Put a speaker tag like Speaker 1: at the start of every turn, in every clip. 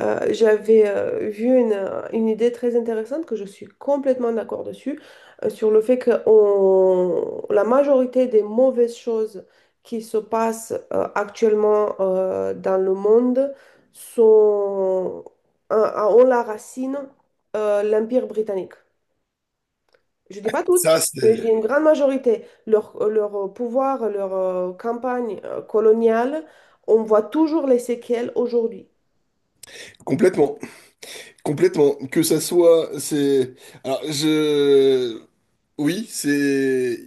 Speaker 1: J'avais vu une idée très intéressante que je suis complètement d'accord dessus, sur le fait que la majorité des mauvaises choses qui se passent actuellement dans le monde sont, ont la racine l'Empire britannique. Je dis pas toutes.
Speaker 2: Ça,
Speaker 1: Mais je dis
Speaker 2: c'est
Speaker 1: une grande majorité, leur pouvoir, leur campagne coloniale, on voit toujours les séquelles aujourd'hui.
Speaker 2: complètement, complètement. Que ça soit, c'est. Alors, je. Oui, c'est.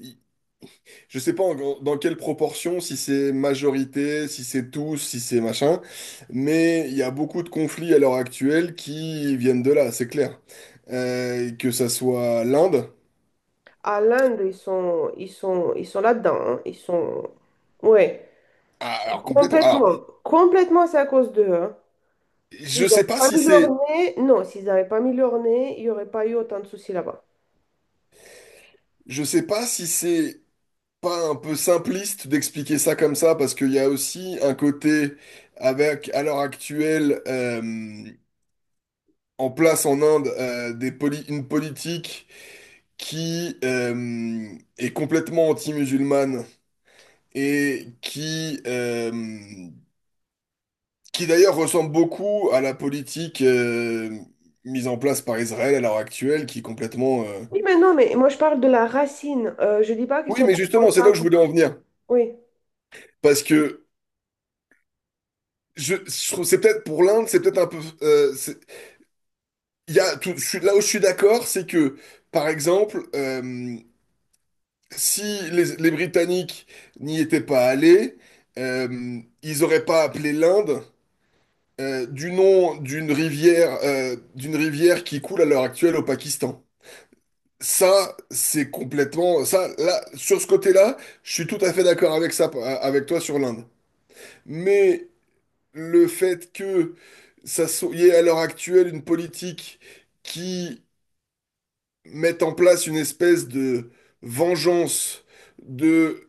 Speaker 2: Je sais pas dans quelle proportion, si c'est majorité, si c'est tous, si c'est machin, mais il y a beaucoup de conflits à l'heure actuelle qui viennent de là, c'est clair. Que ça soit l'Inde,
Speaker 1: À l'Inde, ils sont là-dedans, hein. Ils sont. Ouais,
Speaker 2: ah, alors complètement. Alors,
Speaker 1: complètement. Complètement, c'est à cause d'eux, hein. S'ils
Speaker 2: je sais
Speaker 1: n'avaient
Speaker 2: pas
Speaker 1: pas
Speaker 2: si
Speaker 1: mis leur
Speaker 2: c'est,
Speaker 1: nez, non, s'ils n'avaient pas mis leur nez, il n'y aurait pas eu autant de soucis là-bas.
Speaker 2: je sais pas si c'est pas un peu simpliste d'expliquer ça comme ça, parce qu'il y a aussi un côté avec, à l'heure actuelle, en place en Inde, une politique qui est complètement anti-musulmane et qui d'ailleurs ressemble beaucoup à la politique mise en place par Israël à l'heure actuelle, qui est complètement...
Speaker 1: Oui, mais non, mais moi je parle de la racine. Je dis pas qu'ils
Speaker 2: Oui,
Speaker 1: sont
Speaker 2: mais justement, c'est là où
Speaker 1: responsables.
Speaker 2: je voulais en venir,
Speaker 1: Oui.
Speaker 2: parce que... Je c'est peut-être pour l'Inde, c'est peut-être un peu, Il y a là où je suis d'accord, c'est que, par exemple, si les Britanniques n'y étaient pas allés, ils n'auraient pas appelé l'Inde du nom d'une rivière qui coule à l'heure actuelle au Pakistan. Ça, c'est complètement... Ça, là, sur ce côté-là, je suis tout à fait d'accord avec ça, avec toi sur l'Inde. Mais le fait que ça soit, il y ait à l'heure actuelle une politique qui mettent en place une espèce de vengeance de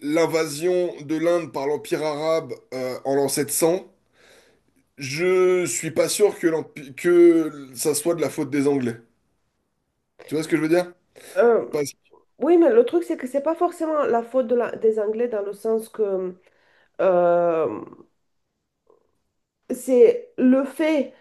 Speaker 2: l'invasion de l'Inde par l'Empire arabe en l'an 700. Je suis pas sûr que, que ça soit de la faute des Anglais. Tu vois ce que je veux dire?
Speaker 1: Euh,
Speaker 2: Parce-
Speaker 1: oui, mais le truc, c'est que c'est pas forcément la faute de des Anglais dans le sens que euh, c'est le fait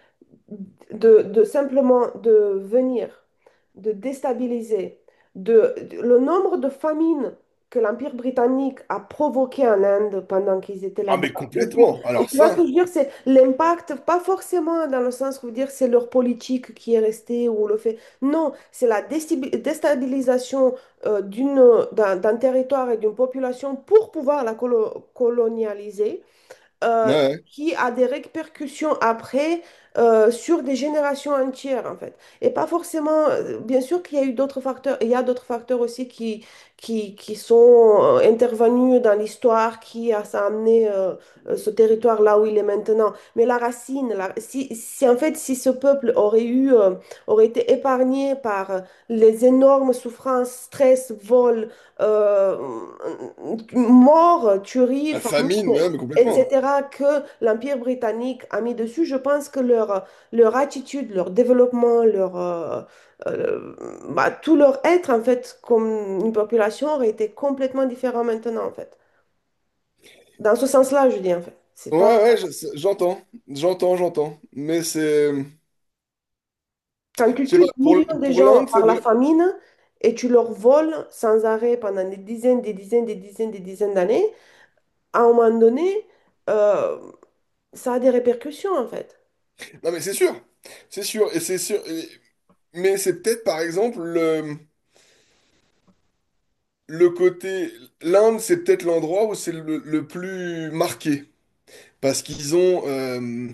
Speaker 1: de simplement de venir, de déstabiliser, le nombre de famines que l'Empire britannique a provoqué en Inde pendant qu'ils étaient
Speaker 2: Ah, mais
Speaker 1: là-bas.
Speaker 2: complètement.
Speaker 1: Et
Speaker 2: Alors
Speaker 1: tu vois ce que
Speaker 2: ça,
Speaker 1: je veux dire, c'est l'impact, pas forcément dans le sens où dire c'est leur politique qui est restée ou le fait. Non, c'est la déstabilisation euh, d'une, d'un territoire et d'une population pour pouvoir la colonialiser
Speaker 2: ouais,
Speaker 1: euh,
Speaker 2: ouais.
Speaker 1: qui a des répercussions après sur des générations entières, en fait. Et pas forcément, bien sûr qu'il y a eu d'autres facteurs, il y a d'autres facteurs aussi qui sont intervenus dans l'histoire, ça a amené ce territoire là où il est maintenant. Mais la racine, si en fait, si ce peuple aurait aurait été épargné par les énormes souffrances, stress, vols, euh, morts, tueries,
Speaker 2: La
Speaker 1: famine,
Speaker 2: famine, ouais, mais complètement.
Speaker 1: etc., que l'Empire britannique a mis dessus, je pense que leur attitude, leur développement, euh, bah, tout leur être, en fait, comme une population, aurait été complètement différent maintenant, en fait. Dans ce sens-là, je dis, en fait. C'est
Speaker 2: Ouais,
Speaker 1: pas...
Speaker 2: ouais, j'entends, j'entends. Mais c'est, je
Speaker 1: Quand tu
Speaker 2: sais
Speaker 1: tues
Speaker 2: pas,
Speaker 1: des
Speaker 2: pour,
Speaker 1: millions de
Speaker 2: pour
Speaker 1: gens
Speaker 2: l'Inde, c'est
Speaker 1: par la
Speaker 2: vrai.
Speaker 1: famine et tu leur voles sans arrêt pendant des dizaines, des dizaines, des dizaines, des dizaines d'années, à un moment donné, euh, ça a des répercussions, en fait.
Speaker 2: Non, mais c'est sûr, c'est sûr. Et- Mais c'est peut-être par exemple le côté. L'Inde, c'est peut-être l'endroit où c'est le plus marqué. Parce qu'ils ont,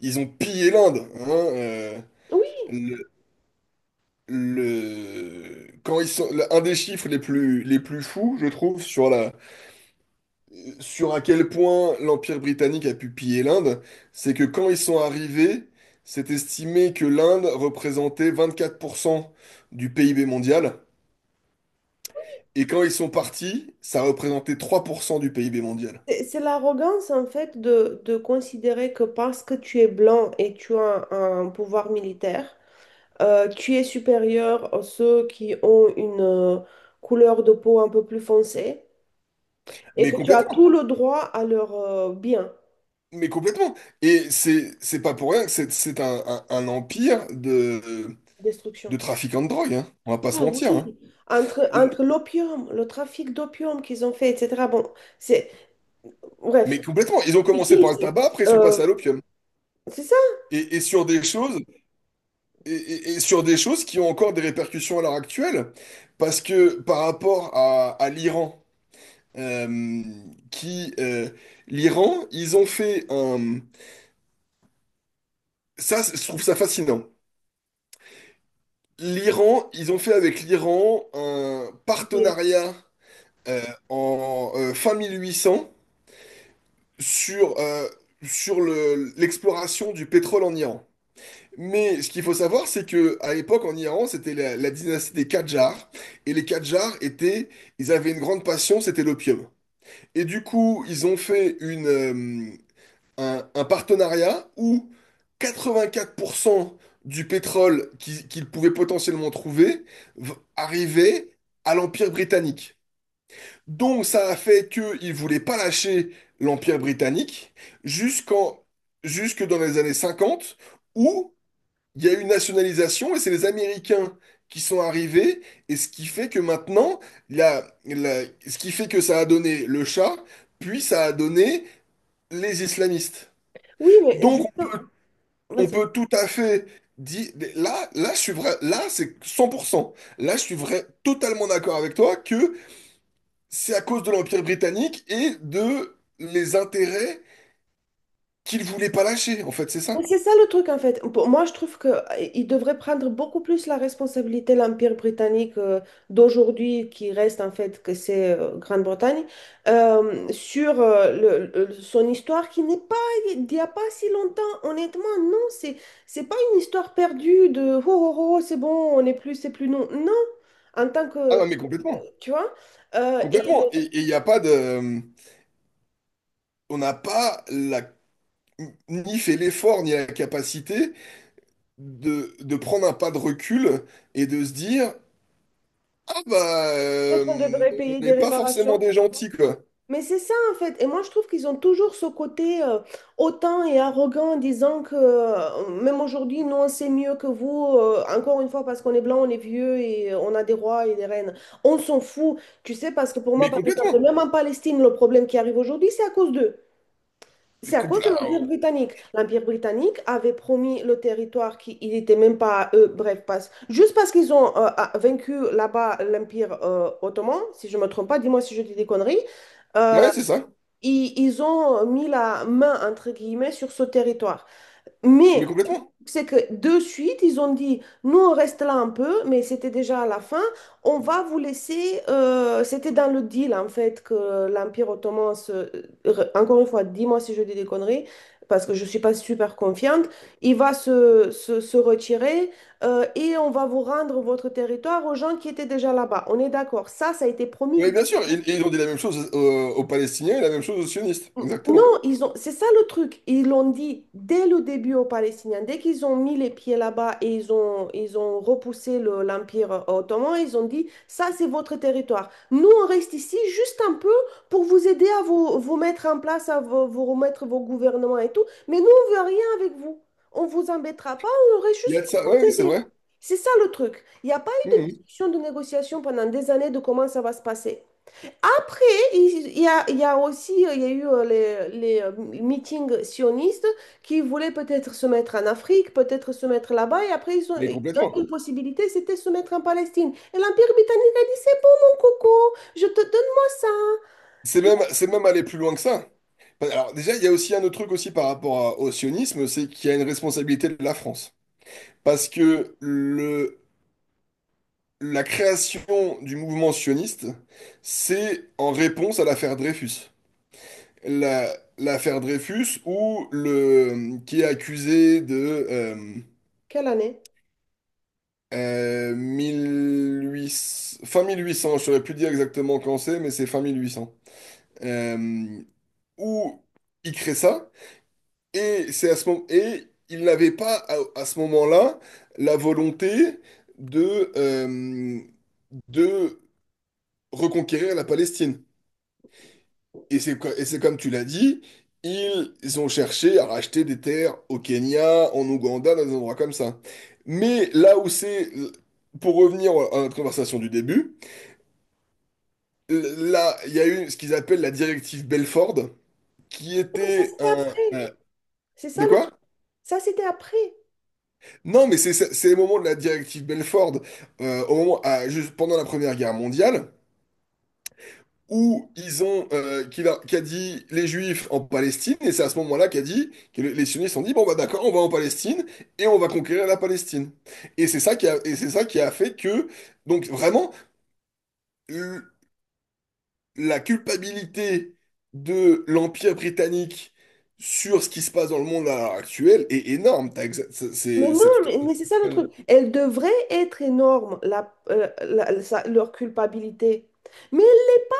Speaker 2: ils ont pillé l'Inde, hein,
Speaker 1: Oui,
Speaker 2: le, quand ils sont... Un des chiffres les plus fous, je trouve, sur la... sur à quel point l'Empire britannique a pu piller l'Inde, c'est que quand ils sont arrivés, c'est estimé que l'Inde représentait 24% du PIB mondial. Et quand ils sont partis, ça représentait 3% du PIB mondial.
Speaker 1: c'est l'arrogance en fait de considérer que parce que tu es blanc et tu as un pouvoir militaire, tu es supérieur à ceux qui ont une couleur de peau un peu plus foncée et
Speaker 2: Mais
Speaker 1: que tu as
Speaker 2: complètement.
Speaker 1: tout le droit à leur bien,
Speaker 2: Mais complètement. Et c'est pas pour rien que c'est un, un empire de
Speaker 1: destruction.
Speaker 2: trafiquants de drogue, hein. On va pas se
Speaker 1: Ah
Speaker 2: mentir,
Speaker 1: oui,
Speaker 2: hein.
Speaker 1: entre l'opium, le trafic d'opium qu'ils ont fait, etc. Bon, c'est...
Speaker 2: Mais
Speaker 1: Bref.
Speaker 2: complètement. Ils ont
Speaker 1: C'est
Speaker 2: commencé
Speaker 1: qui,
Speaker 2: par le
Speaker 1: ça
Speaker 2: tabac, après ils sont passés
Speaker 1: Euh,
Speaker 2: à l'opium.
Speaker 1: c'est ça.
Speaker 2: Et sur des choses, et sur des choses qui ont encore des répercussions à l'heure actuelle. Parce que par rapport à l'Iran, euh, qui l'Iran, ils ont fait un. Ça, je trouve ça fascinant. L'Iran, ils ont fait avec l'Iran un
Speaker 1: Ok.
Speaker 2: partenariat euh, en fin 1800 sur, sur l'exploration du pétrole en Iran. Mais ce qu'il faut savoir, c'est que à l'époque en Iran, c'était la dynastie des Qajars, et les Qajars étaient, ils avaient une grande passion, c'était l'opium. Et du coup, ils ont fait une, un partenariat où 84% du pétrole qu'ils pouvaient potentiellement trouver arrivait à l'Empire britannique. Donc ça a fait qu'ils ne voulaient pas lâcher l'Empire britannique jusqu'en, jusque dans les années 50, où il y a eu une nationalisation et c'est les Américains qui sont arrivés, et ce qui fait que maintenant, ce qui fait que ça a donné le chat, puis ça a donné les islamistes.
Speaker 1: Oui, mais
Speaker 2: Donc
Speaker 1: juste...
Speaker 2: on peut tout à fait dire, là, là, je suis vrai, là, c'est 100%. Là, je suis vrai, totalement d'accord avec toi que c'est à cause de l'Empire britannique et de les intérêts qu'ils voulaient pas lâcher, en fait, c'est
Speaker 1: Mais
Speaker 2: ça.
Speaker 1: c'est ça le truc en fait. Pour moi, je trouve qu'il devrait prendre beaucoup plus la responsabilité, l'Empire britannique d'aujourd'hui, qui reste en fait que c'est Grande-Bretagne, sur son histoire qui n'est pas d'il n'y a pas si longtemps. Honnêtement, non, c'est pas une histoire perdue de oh, oh, oh, c'est bon, on n'est plus, c'est plus non. Non, en tant
Speaker 2: Ah
Speaker 1: que,
Speaker 2: non, mais complètement.
Speaker 1: tu vois, et
Speaker 2: Complètement. Et il n'y a pas de... on n'a pas la... ni fait l'effort, ni la capacité de prendre un pas de recul et de se dire, ah bah,
Speaker 1: peut-être on devrait payer
Speaker 2: on
Speaker 1: des
Speaker 2: n'est pas forcément
Speaker 1: réparations.
Speaker 2: des gentils, quoi.
Speaker 1: Mais c'est ça en fait. Et moi je trouve qu'ils ont toujours ce côté hautain et arrogant en disant que même aujourd'hui, nous on sait mieux que vous. Encore une fois, parce qu'on est blanc, on est vieux et on a des rois et des reines. On s'en fout. Tu sais, parce que pour moi,
Speaker 2: Mais
Speaker 1: par exemple,
Speaker 2: complètement.
Speaker 1: même en Palestine, le problème qui arrive aujourd'hui, c'est à cause d'eux. C'est à cause de
Speaker 2: Ah,
Speaker 1: l'Empire britannique. L'Empire britannique avait promis le territoire qui il n'était même pas à eux. Bref, passe. Juste parce qu'ils ont vaincu là-bas l'Empire ottoman, si je ne me trompe pas, dis-moi si je dis des conneries. Euh,
Speaker 2: ouais, c'est ça.
Speaker 1: ils ont mis la main, entre guillemets, sur ce territoire.
Speaker 2: Mais
Speaker 1: Mais
Speaker 2: complètement.
Speaker 1: c'est que de suite, ils ont dit, nous, on reste là un peu, mais c'était déjà à la fin, on va vous laisser, c'était dans le deal, en fait, que l'Empire ottoman, encore une fois, dis-moi si je dis des conneries, parce que je ne suis pas super confiante, il va se retirer et on va vous rendre votre territoire aux gens qui étaient déjà là-bas. On est d'accord, ça a été
Speaker 2: Oui,
Speaker 1: promis.
Speaker 2: bien sûr. Et ils ont dit la même chose aux, aux Palestiniens et la même chose aux sionistes.
Speaker 1: Non,
Speaker 2: Exactement.
Speaker 1: ils ont, c'est ça le truc. Ils l'ont dit dès le début aux Palestiniens. Dès qu'ils ont mis les pieds là-bas et ils ont repoussé l'Empire ottoman, ils ont dit, ça, c'est votre territoire. Nous, on reste ici juste un peu pour vous aider à vous, vous mettre en place, à vous, vous remettre vos gouvernements et tout. Mais nous, on veut rien avec vous. On vous embêtera pas, on reste
Speaker 2: Il y a
Speaker 1: juste
Speaker 2: de ça.
Speaker 1: pour
Speaker 2: Ouais,
Speaker 1: vous
Speaker 2: oui, c'est
Speaker 1: aider.
Speaker 2: vrai.
Speaker 1: C'est ça le truc. Il n'y a pas eu de
Speaker 2: Mmh.
Speaker 1: discussion, de négociation pendant des années de comment ça va se passer. Après, il y a, il y a aussi il y a eu les meetings sionistes qui voulaient peut-être se mettre en Afrique, peut-être se mettre là-bas. Et après, ils ont,
Speaker 2: Mais complètement.
Speaker 1: une possibilité, c'était se mettre en Palestine. Et l'Empire britannique a dit, c'est bon, mon coco, je te donne-moi ça. Tu-
Speaker 2: C'est même aller plus loin que ça. Alors déjà, il y a aussi un autre truc aussi par rapport au sionisme, c'est qu'il y a une responsabilité de la France. Parce que le, la création du mouvement sioniste, c'est en réponse à l'affaire Dreyfus. L'affaire Dreyfus, où le, qui est accusé de
Speaker 1: Quelle année?
Speaker 2: 1800 fin 1800, je ne saurais plus dire exactement quand c'est, mais c'est fin 1800. Euh, Où il crée ça. Et c'est à ce moment et il n'avait pas à, à ce moment-là la volonté de euh, de reconquérir la Palestine. Et et c'est comme tu l'as dit, ils ont cherché à racheter des terres au Kenya, en Ouganda, dans des endroits comme ça. Mais là où c'est pour revenir à notre conversation du début, là, il y a eu ce qu'ils appellent la directive Belford, qui
Speaker 1: Non, mais ça,
Speaker 2: était
Speaker 1: c'était après.
Speaker 2: un-
Speaker 1: C'est ça
Speaker 2: De
Speaker 1: le
Speaker 2: quoi?
Speaker 1: truc. Ça, c'était après.
Speaker 2: Non, mais c'est les moments de la directive Belford au moment, à- juste pendant la Première Guerre mondiale où ils ont qu'il a, qu'a dit les Juifs en Palestine et c'est à ce moment-là qu'a dit que les sionistes ont dit bon bah d'accord, on va en Palestine et on va conquérir la Palestine et c'est ça qui a et c'est ça qui a fait que donc vraiment le- la culpabilité de l'Empire britannique sur ce qui se passe dans le monde à l'heure actuelle est énorme. T'as c'est
Speaker 1: Mais
Speaker 2: c'est
Speaker 1: non,
Speaker 2: c'est tout à
Speaker 1: mais c'est ça le
Speaker 2: fait.
Speaker 1: truc. Elle devrait être énorme, leur culpabilité. Mais elle l'est pas.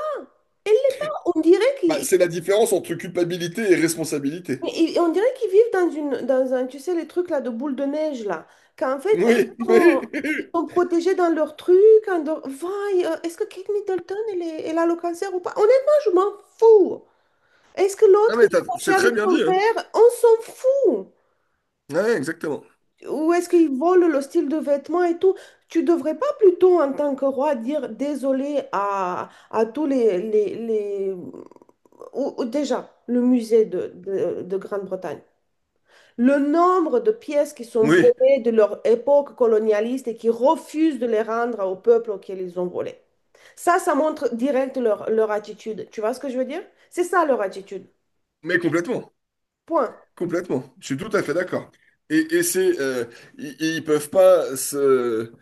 Speaker 1: Elle l'est pas. On dirait
Speaker 2: Bah,
Speaker 1: qu'ils.
Speaker 2: c'est la différence entre culpabilité et responsabilité.
Speaker 1: Et on dirait qu'ils vivent dans un, tu sais, les trucs là de boule de neige là, qu'en fait, eux, ils
Speaker 2: Oui, oui.
Speaker 1: sont, ils sont protégés dans leur truc. Vaille, est-ce que Kate Middleton, elle, est- elle a le cancer ou pas? Honnêtement, je m'en fous. Est-ce que
Speaker 2: Ah,
Speaker 1: l'autre,
Speaker 2: mais
Speaker 1: il est fâché
Speaker 2: c'est très
Speaker 1: avec
Speaker 2: bien
Speaker 1: son
Speaker 2: dit, hein.
Speaker 1: père? On s'en fout.
Speaker 2: Ouais, exactement.
Speaker 1: Ou est-ce qu'ils volent le style de vêtements et tout? Tu devrais pas plutôt, en tant que roi, dire désolé à tous ou déjà, le musée de, de Grande-Bretagne. Le nombre de pièces qui sont
Speaker 2: Oui,
Speaker 1: volées de leur époque colonialiste et qui refusent de les rendre au peuple auquel ils ont volé. Ça montre direct leur, leur attitude. Tu vois ce que je veux dire? C'est ça leur attitude.
Speaker 2: mais complètement.
Speaker 1: Point.
Speaker 2: Complètement. Je suis tout à fait d'accord. Et c'est. Ils, ils peuvent pas se.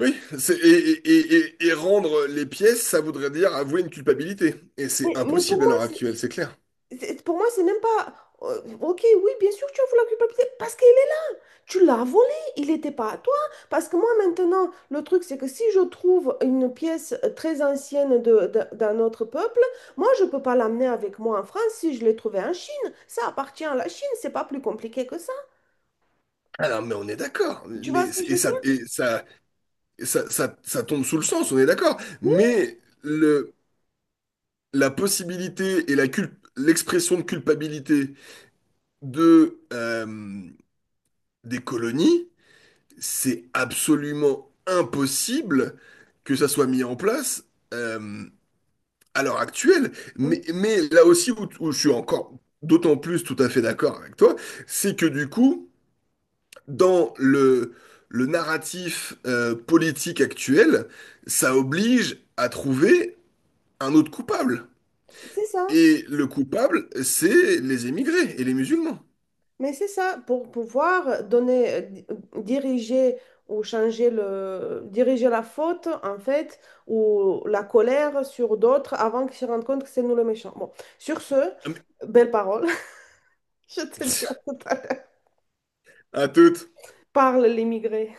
Speaker 2: Oui, c'est, et rendre les pièces, ça voudrait dire avouer une culpabilité. Et c'est
Speaker 1: Mais pour
Speaker 2: impossible à
Speaker 1: moi,
Speaker 2: l'heure actuelle, c'est clair.
Speaker 1: pour moi, c'est même pas. Ok, oui, bien sûr, tu as vu la culpabilité parce que tu l'as volé, il n'était pas à toi. Parce que moi, maintenant, le truc, c'est que si je trouve une pièce très ancienne de, d'un autre peuple, moi, je ne peux pas l'amener avec moi en France si je l'ai trouvée en Chine. Ça appartient à la Chine, c'est pas plus compliqué que ça.
Speaker 2: Alors, mais on est d'accord.
Speaker 1: Tu
Speaker 2: Mais
Speaker 1: vois ce que je
Speaker 2: et
Speaker 1: veux dire?
Speaker 2: ça, et ça, et ça, ça, ça tombe sous le sens, on est d'accord.
Speaker 1: Mais oui,
Speaker 2: Mais le, la possibilité et l'expression de culpabilité de, euh, des colonies, c'est absolument impossible que ça soit mis en place euh, à l'heure actuelle.
Speaker 1: euh,
Speaker 2: Mais là aussi où, où je suis encore d'autant plus tout à fait d'accord avec toi, c'est que du coup, dans le narratif politique actuel, ça oblige à trouver un autre coupable.
Speaker 1: c'est ça.
Speaker 2: Et le coupable, c'est les émigrés et les musulmans.
Speaker 1: Mais c'est ça, pour pouvoir diriger ou diriger la faute, en fait, ou la colère sur d'autres avant qu'ils se rendent compte que c'est nous le méchant. Bon, sur ce,
Speaker 2: Ah, mais-
Speaker 1: belle parole. Je te dis à tout à l'heure.
Speaker 2: À toutes.
Speaker 1: Parle l'immigré.